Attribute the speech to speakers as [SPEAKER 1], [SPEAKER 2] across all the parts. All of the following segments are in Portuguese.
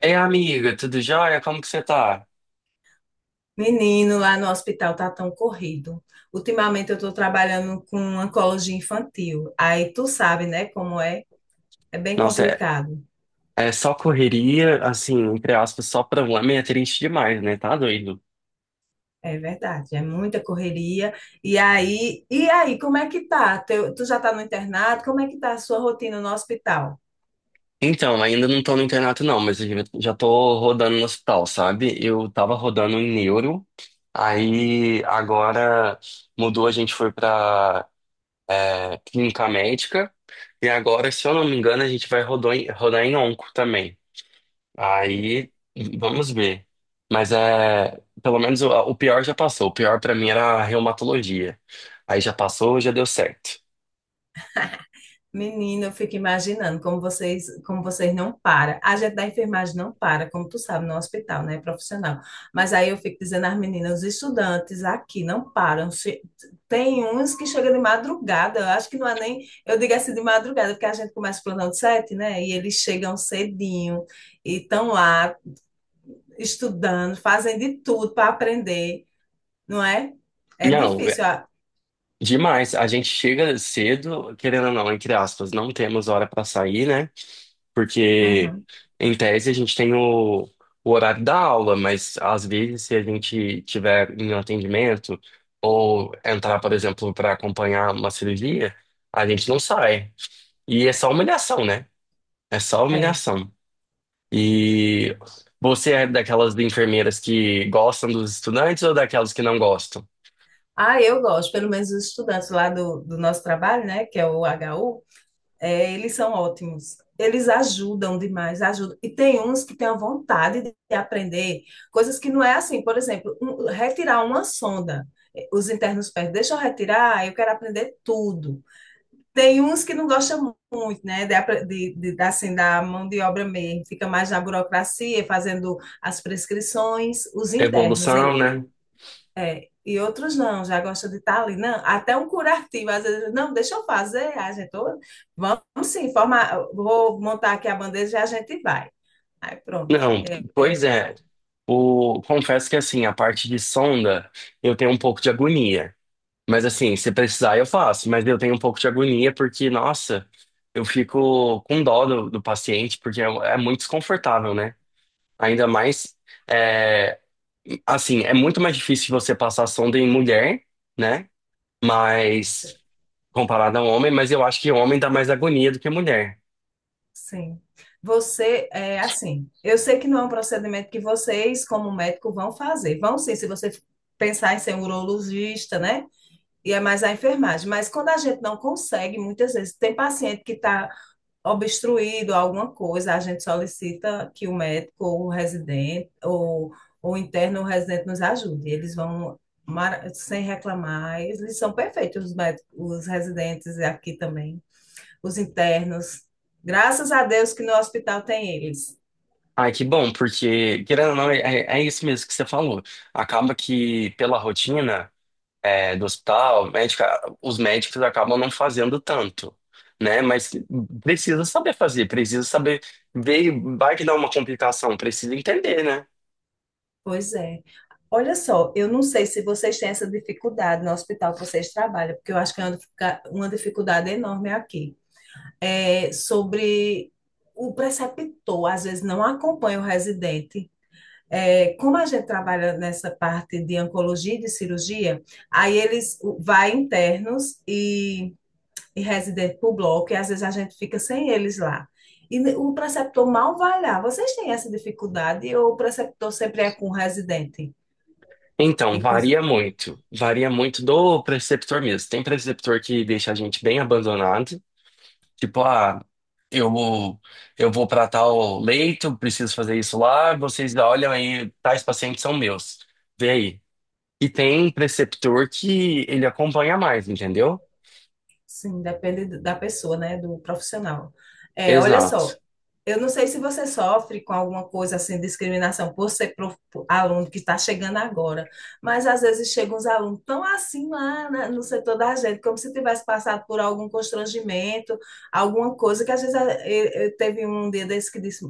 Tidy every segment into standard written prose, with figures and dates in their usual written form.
[SPEAKER 1] Ei, amiga, tudo jóia? Como que você tá?
[SPEAKER 2] Menino, lá no hospital tá tão corrido. Ultimamente eu tô trabalhando com oncologia infantil. Aí tu sabe, né, como é? É bem
[SPEAKER 1] Nossa, é,
[SPEAKER 2] complicado.
[SPEAKER 1] é só correria, assim, entre aspas, só problema e é triste demais, né? Tá doido.
[SPEAKER 2] É verdade, é muita correria. E aí, como é que tá? Tu já tá no internato? Como é que tá a sua rotina no hospital?
[SPEAKER 1] Então, ainda não tô no internato não, mas eu já tô rodando no hospital, sabe? Eu tava rodando em neuro, aí agora mudou, a gente foi pra clínica médica, e agora, se eu não me engano, a gente vai rodar em onco também. Aí, vamos ver. Mas é, pelo menos o pior já passou. O pior pra mim era a reumatologia. Aí já passou, já deu certo.
[SPEAKER 2] Menina, eu fico imaginando como vocês não param. A gente da enfermagem não para, como tu sabe, no hospital, né? Profissional. Mas aí eu fico dizendo às meninas, os estudantes aqui não param. Tem uns que chegam de madrugada, eu acho que não é nem, eu digo assim de madrugada, porque a gente começa o plantão de sete, né? E eles chegam cedinho e estão lá estudando, fazem de tudo para aprender, não é? É
[SPEAKER 1] Não, é
[SPEAKER 2] difícil.
[SPEAKER 1] demais. A gente chega cedo, querendo ou não, entre aspas, não temos hora pra sair, né? Porque
[SPEAKER 2] Uhum,
[SPEAKER 1] em tese a gente tem o horário da aula, mas às vezes se a gente tiver em um atendimento ou entrar, por exemplo, pra acompanhar uma cirurgia, a gente não sai. E é só humilhação, né? É só
[SPEAKER 2] é.
[SPEAKER 1] humilhação. E você é daquelas enfermeiras que gostam dos estudantes ou daquelas que não gostam?
[SPEAKER 2] Ah, eu gosto, pelo menos os estudantes lá do nosso trabalho, né, que é o HU, é, eles são ótimos. Eles ajudam demais, ajudam. E tem uns que têm a vontade de aprender coisas que não é assim. Por exemplo, retirar uma sonda. É, os internos pedem, deixa eu retirar, eu quero aprender tudo. Tem uns que não gostam muito, né, de, apre- de- da- assim, da mão de obra mesmo. Fica mais na burocracia, fazendo as prescrições. Os internos,
[SPEAKER 1] Evolução, né?
[SPEAKER 2] é, e outros não, já gostam de estar ali. Não, até um curativo, às vezes, não, deixa eu fazer, a gente, "Ô, vamos sim, formar, vou montar aqui a bandeja e a gente vai. Aí pronto.
[SPEAKER 1] Não, pois é. O, confesso que assim, a parte de sonda, eu tenho um pouco de agonia. Mas assim, se precisar, eu faço. Mas eu tenho um pouco de agonia porque, nossa, eu fico com dó do paciente, porque é muito desconfortável, né? Ainda mais, é, é muito mais difícil você passar sonda em mulher, né?
[SPEAKER 2] S-
[SPEAKER 1] Mas comparado a um homem, mas eu acho que o homem dá mais agonia do que a mulher.
[SPEAKER 2] sim. Você, é assim, eu sei que não é um procedimento que vocês, como médico, vão fazer. Vão sim, se você pensar em ser um urologista, né? E é mais a enfermagem. Mas quando a gente não consegue, muitas vezes, tem paciente que está obstruído alguma coisa, a gente solicita que o médico ou o residente ou o interno ou o residente nos ajude. Sem reclamar, eles são perfeitos, os médicos, os residentes aqui também, os internos. Graças a Deus que no hospital tem eles.
[SPEAKER 1] Ai, que bom, porque, querendo ou não, é isso mesmo que você falou. Acaba que, pela rotina, do hospital, médica, os médicos acabam não fazendo tanto, né? Mas precisa saber fazer, precisa saber ver, vai que dá uma complicação, precisa entender, né?
[SPEAKER 2] Pois é. Olha só, eu não sei se vocês têm essa dificuldade no hospital que vocês trabalham, porque eu acho que é uma dificuldade enorme aqui. É, sobre o preceptor, às vezes não acompanha o residente. É, como a gente trabalha nessa parte de oncologia e de cirurgia, aí eles vai internos e residente para o bloco, e às vezes a gente fica sem eles lá. E o preceptor mal vai lá. Vocês têm essa dificuldade ou o preceptor sempre é com o residente
[SPEAKER 1] Então,
[SPEAKER 2] e com os...
[SPEAKER 1] varia muito. Varia muito do preceptor mesmo. Tem preceptor que deixa a gente bem abandonado. Tipo, ah, Eu vou, eu vou para tal leito, preciso fazer isso lá. Vocês olham aí, tais pacientes são meus. Vê aí. E tem preceptor que ele acompanha mais, entendeu?
[SPEAKER 2] Sim, depende da pessoa, né? Do profissional. É, olha só,
[SPEAKER 1] Exato.
[SPEAKER 2] eu não sei se você sofre com alguma coisa assim, discriminação por ser aluno que está chegando agora, mas às vezes chegam uns alunos tão assim lá no setor da gente, como se tivesse passado por algum constrangimento, alguma coisa que às vezes eu teve um dia desse que disse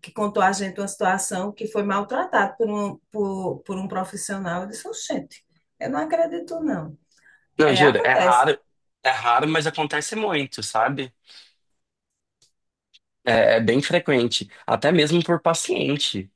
[SPEAKER 2] que contou a gente uma situação que foi maltratado por um profissional. Eu disse, gente, eu não acredito, não.
[SPEAKER 1] Não,
[SPEAKER 2] É,
[SPEAKER 1] juro,
[SPEAKER 2] acontece.
[SPEAKER 1] é raro, mas acontece muito, sabe? É, é bem frequente, até mesmo por paciente.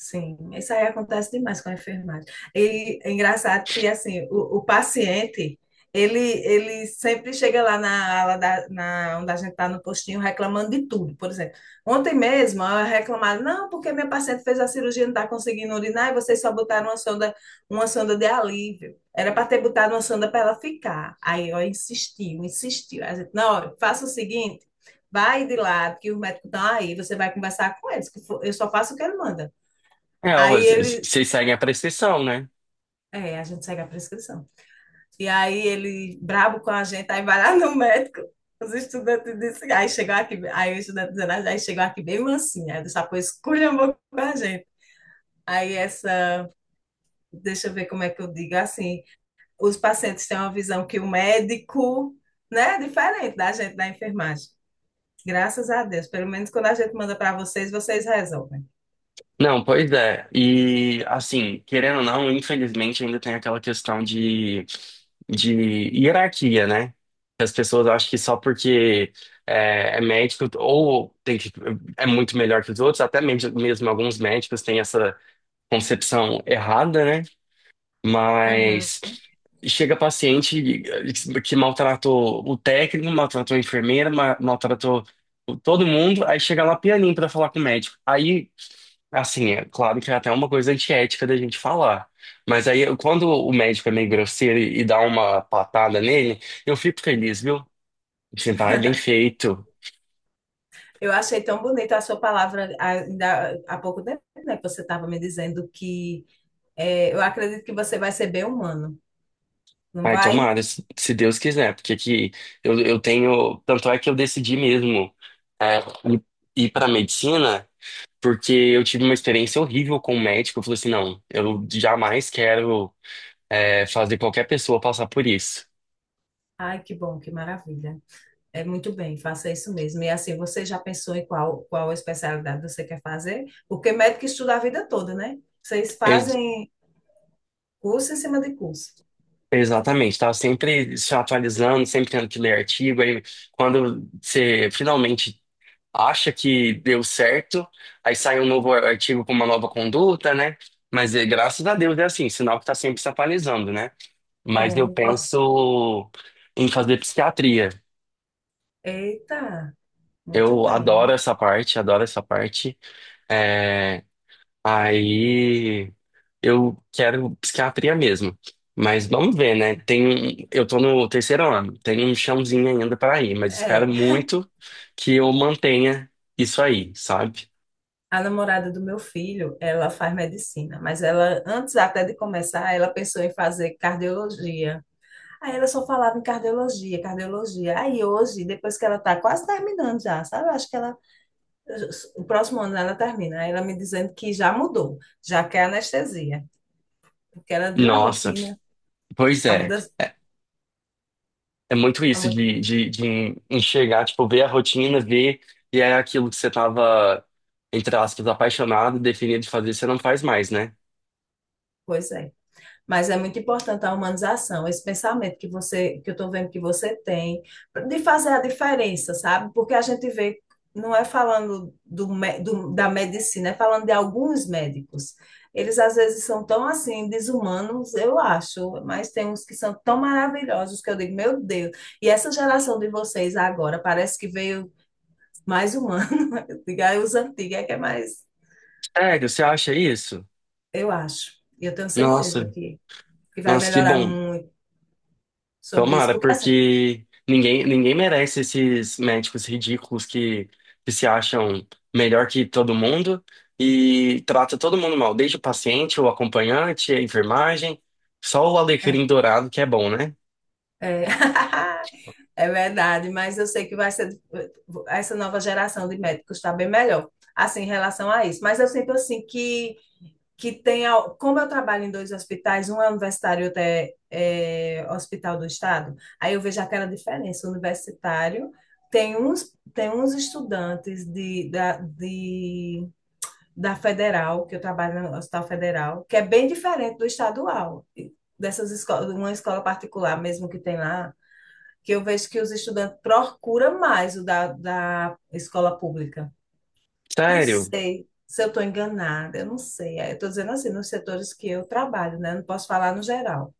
[SPEAKER 2] Sim, isso aí acontece demais com a enfermagem. E é engraçado que, assim, o paciente, ele sempre chega lá na ala da, na, onde a gente está no postinho reclamando de tudo. Por exemplo, ontem mesmo eu reclamava, não, porque minha paciente fez a cirurgia e não está conseguindo urinar e vocês só botaram uma sonda de alívio. Era para ter botado uma sonda para ela ficar. Aí eu insistiu, insistiu. A gente, não, olha, faça o seguinte, vai de lado, que os médicos estão aí, você vai conversar com eles, que eu só faço o que ele manda.
[SPEAKER 1] É, ó,
[SPEAKER 2] Aí
[SPEAKER 1] vocês
[SPEAKER 2] ele,
[SPEAKER 1] vocês seguem a prescrição, né?
[SPEAKER 2] a gente segue a prescrição. E aí ele, brabo com a gente, aí vai lá no médico. Os estudantes dizem, aí chegou aqui, aí o estudante dizendo, "Ah, aí chegou aqui bem mansinha, aí dessa coisa esculhambou com a gente. Aí essa, deixa eu ver como é que eu digo, assim, os pacientes têm uma visão que o médico, né, é diferente da gente da enfermagem. Graças a Deus, pelo menos quando a gente manda para vocês, vocês resolvem.
[SPEAKER 1] Não, pois é. E assim, querendo ou não, infelizmente ainda tem aquela questão de hierarquia, né? Que as pessoas acham que só porque é médico ou tem que, é muito melhor que os outros, até mesmo, mesmo alguns médicos têm essa concepção errada, né? Mas
[SPEAKER 2] Uhum.
[SPEAKER 1] chega paciente que maltratou o técnico, maltratou a enfermeira, maltratou todo mundo, aí chega lá pianinho pra falar com o médico. Aí assim, é claro que é até uma coisa antiética da gente falar. Mas aí, quando o médico é meio grosseiro e dá uma patada nele, eu fico feliz, viu? Assim, vai, bem feito.
[SPEAKER 2] Eu achei tão bonita a sua palavra ainda há pouco tempo, né, que você estava me dizendo que eu acredito que você vai ser bem humano, não
[SPEAKER 1] Vai,
[SPEAKER 2] vai?
[SPEAKER 1] tomara, se Deus quiser. Porque aqui eu tenho. Tanto é que eu decidi mesmo é, ir, ir para medicina, porque eu tive uma experiência horrível com o médico. Eu falei assim: não, eu jamais quero fazer qualquer pessoa passar por isso.
[SPEAKER 2] Ai, que bom, que maravilha. É muito bem, faça isso mesmo. E assim, você já pensou em qual especialidade você quer fazer? Porque médico estuda a vida toda, né? Vocês fazem curso em cima de curso.
[SPEAKER 1] Exatamente, estava sempre se atualizando, sempre tendo que ler artigo. Aí, quando você finalmente acha que deu certo, aí sai um novo artigo com uma nova conduta, né? Mas graças a Deus é assim, sinal que está sempre se atualizando, né? Mas eu
[SPEAKER 2] É.
[SPEAKER 1] penso em fazer psiquiatria.
[SPEAKER 2] Eita, muito
[SPEAKER 1] Eu adoro
[SPEAKER 2] bem.
[SPEAKER 1] essa parte, adoro essa parte. Eh, Aí eu quero psiquiatria mesmo. Mas vamos ver, né? Eu tô no 3º ano, tem um chãozinho ainda para ir, mas espero
[SPEAKER 2] É,
[SPEAKER 1] muito que eu mantenha isso aí, sabe?
[SPEAKER 2] a namorada do meu filho, ela faz medicina, mas ela, antes até de começar, ela pensou em fazer cardiologia. Aí ela só falava em cardiologia, cardiologia. Aí hoje, depois que ela tá quase terminando já, sabe? Eu acho que ela, o próximo ano ela termina. Aí ela me dizendo que já mudou, já quer anestesia, porque ela viu a
[SPEAKER 1] Nossa,
[SPEAKER 2] rotina,
[SPEAKER 1] pois
[SPEAKER 2] a
[SPEAKER 1] é.
[SPEAKER 2] mudança,
[SPEAKER 1] É, é muito isso
[SPEAKER 2] a
[SPEAKER 1] de enxergar, tipo, ver a rotina, ver, e é aquilo que você tava, entre aspas, apaixonado, definido de fazer, você não faz mais, né?
[SPEAKER 2] mudança. Mas é muito importante a humanização, esse pensamento que eu estou vendo que você tem, de fazer a diferença, sabe? Porque a gente vê, não é falando da medicina, é falando de alguns médicos. Eles às vezes são tão assim, desumanos, eu acho, mas tem uns que são tão maravilhosos que eu digo, meu Deus. E essa geração de vocês agora parece que veio mais humana. Diga, os antigos é que é mais,
[SPEAKER 1] Sério, você acha isso?
[SPEAKER 2] eu acho. E eu tenho certeza
[SPEAKER 1] Nossa,
[SPEAKER 2] que vai
[SPEAKER 1] nossa, que
[SPEAKER 2] melhorar
[SPEAKER 1] bom.
[SPEAKER 2] muito sobre isso.
[SPEAKER 1] Tomara,
[SPEAKER 2] Porque assim.
[SPEAKER 1] porque ninguém, ninguém merece esses médicos ridículos que se acham melhor que todo mundo e trata todo mundo mal, desde o paciente, o acompanhante, a enfermagem, só o
[SPEAKER 2] é,
[SPEAKER 1] alecrim dourado que é bom, né?
[SPEAKER 2] É, é verdade, mas eu sei que vai ser essa nova geração de médicos está bem melhor, assim, em relação a isso. Mas eu sinto assim que tem, como eu trabalho em dois hospitais, um é universitário e outro é hospital do estado, aí eu vejo aquela diferença. O universitário tem uns estudantes da federal, que eu trabalho no Hospital Federal, que é bem diferente do estadual. Dessas escolas, uma escola particular mesmo que tem lá, que eu vejo que os estudantes procuram mais o da escola pública. Não
[SPEAKER 1] Sério?
[SPEAKER 2] sei se eu estou enganada, eu não sei. É. Eu estou dizendo assim, nos setores que eu trabalho, né? Não posso falar no geral.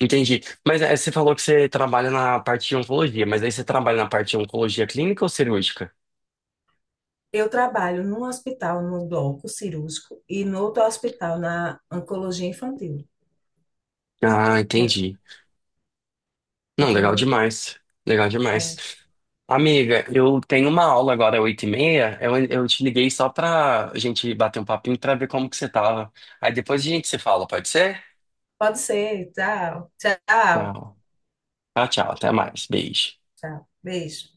[SPEAKER 1] Entendi. Mas é, você falou que você trabalha na parte de oncologia, mas aí você trabalha na parte de oncologia clínica ou cirúrgica?
[SPEAKER 2] Eu trabalho num hospital, no bloco cirúrgico, e no outro hospital, na oncologia infantil.
[SPEAKER 1] Ah,
[SPEAKER 2] É.
[SPEAKER 1] entendi. Não, legal
[SPEAKER 2] Entendeu?
[SPEAKER 1] demais. Legal demais.
[SPEAKER 2] É.
[SPEAKER 1] Amiga, eu tenho uma aula agora, 8h30. Eu te liguei só pra gente bater um papinho pra ver como que você tava. Aí depois a gente se fala, pode ser?
[SPEAKER 2] Pode ser. Tchau, tchau,
[SPEAKER 1] Tchau. Tchau, tchau. Até mais. Beijo.
[SPEAKER 2] tchau. Beijo.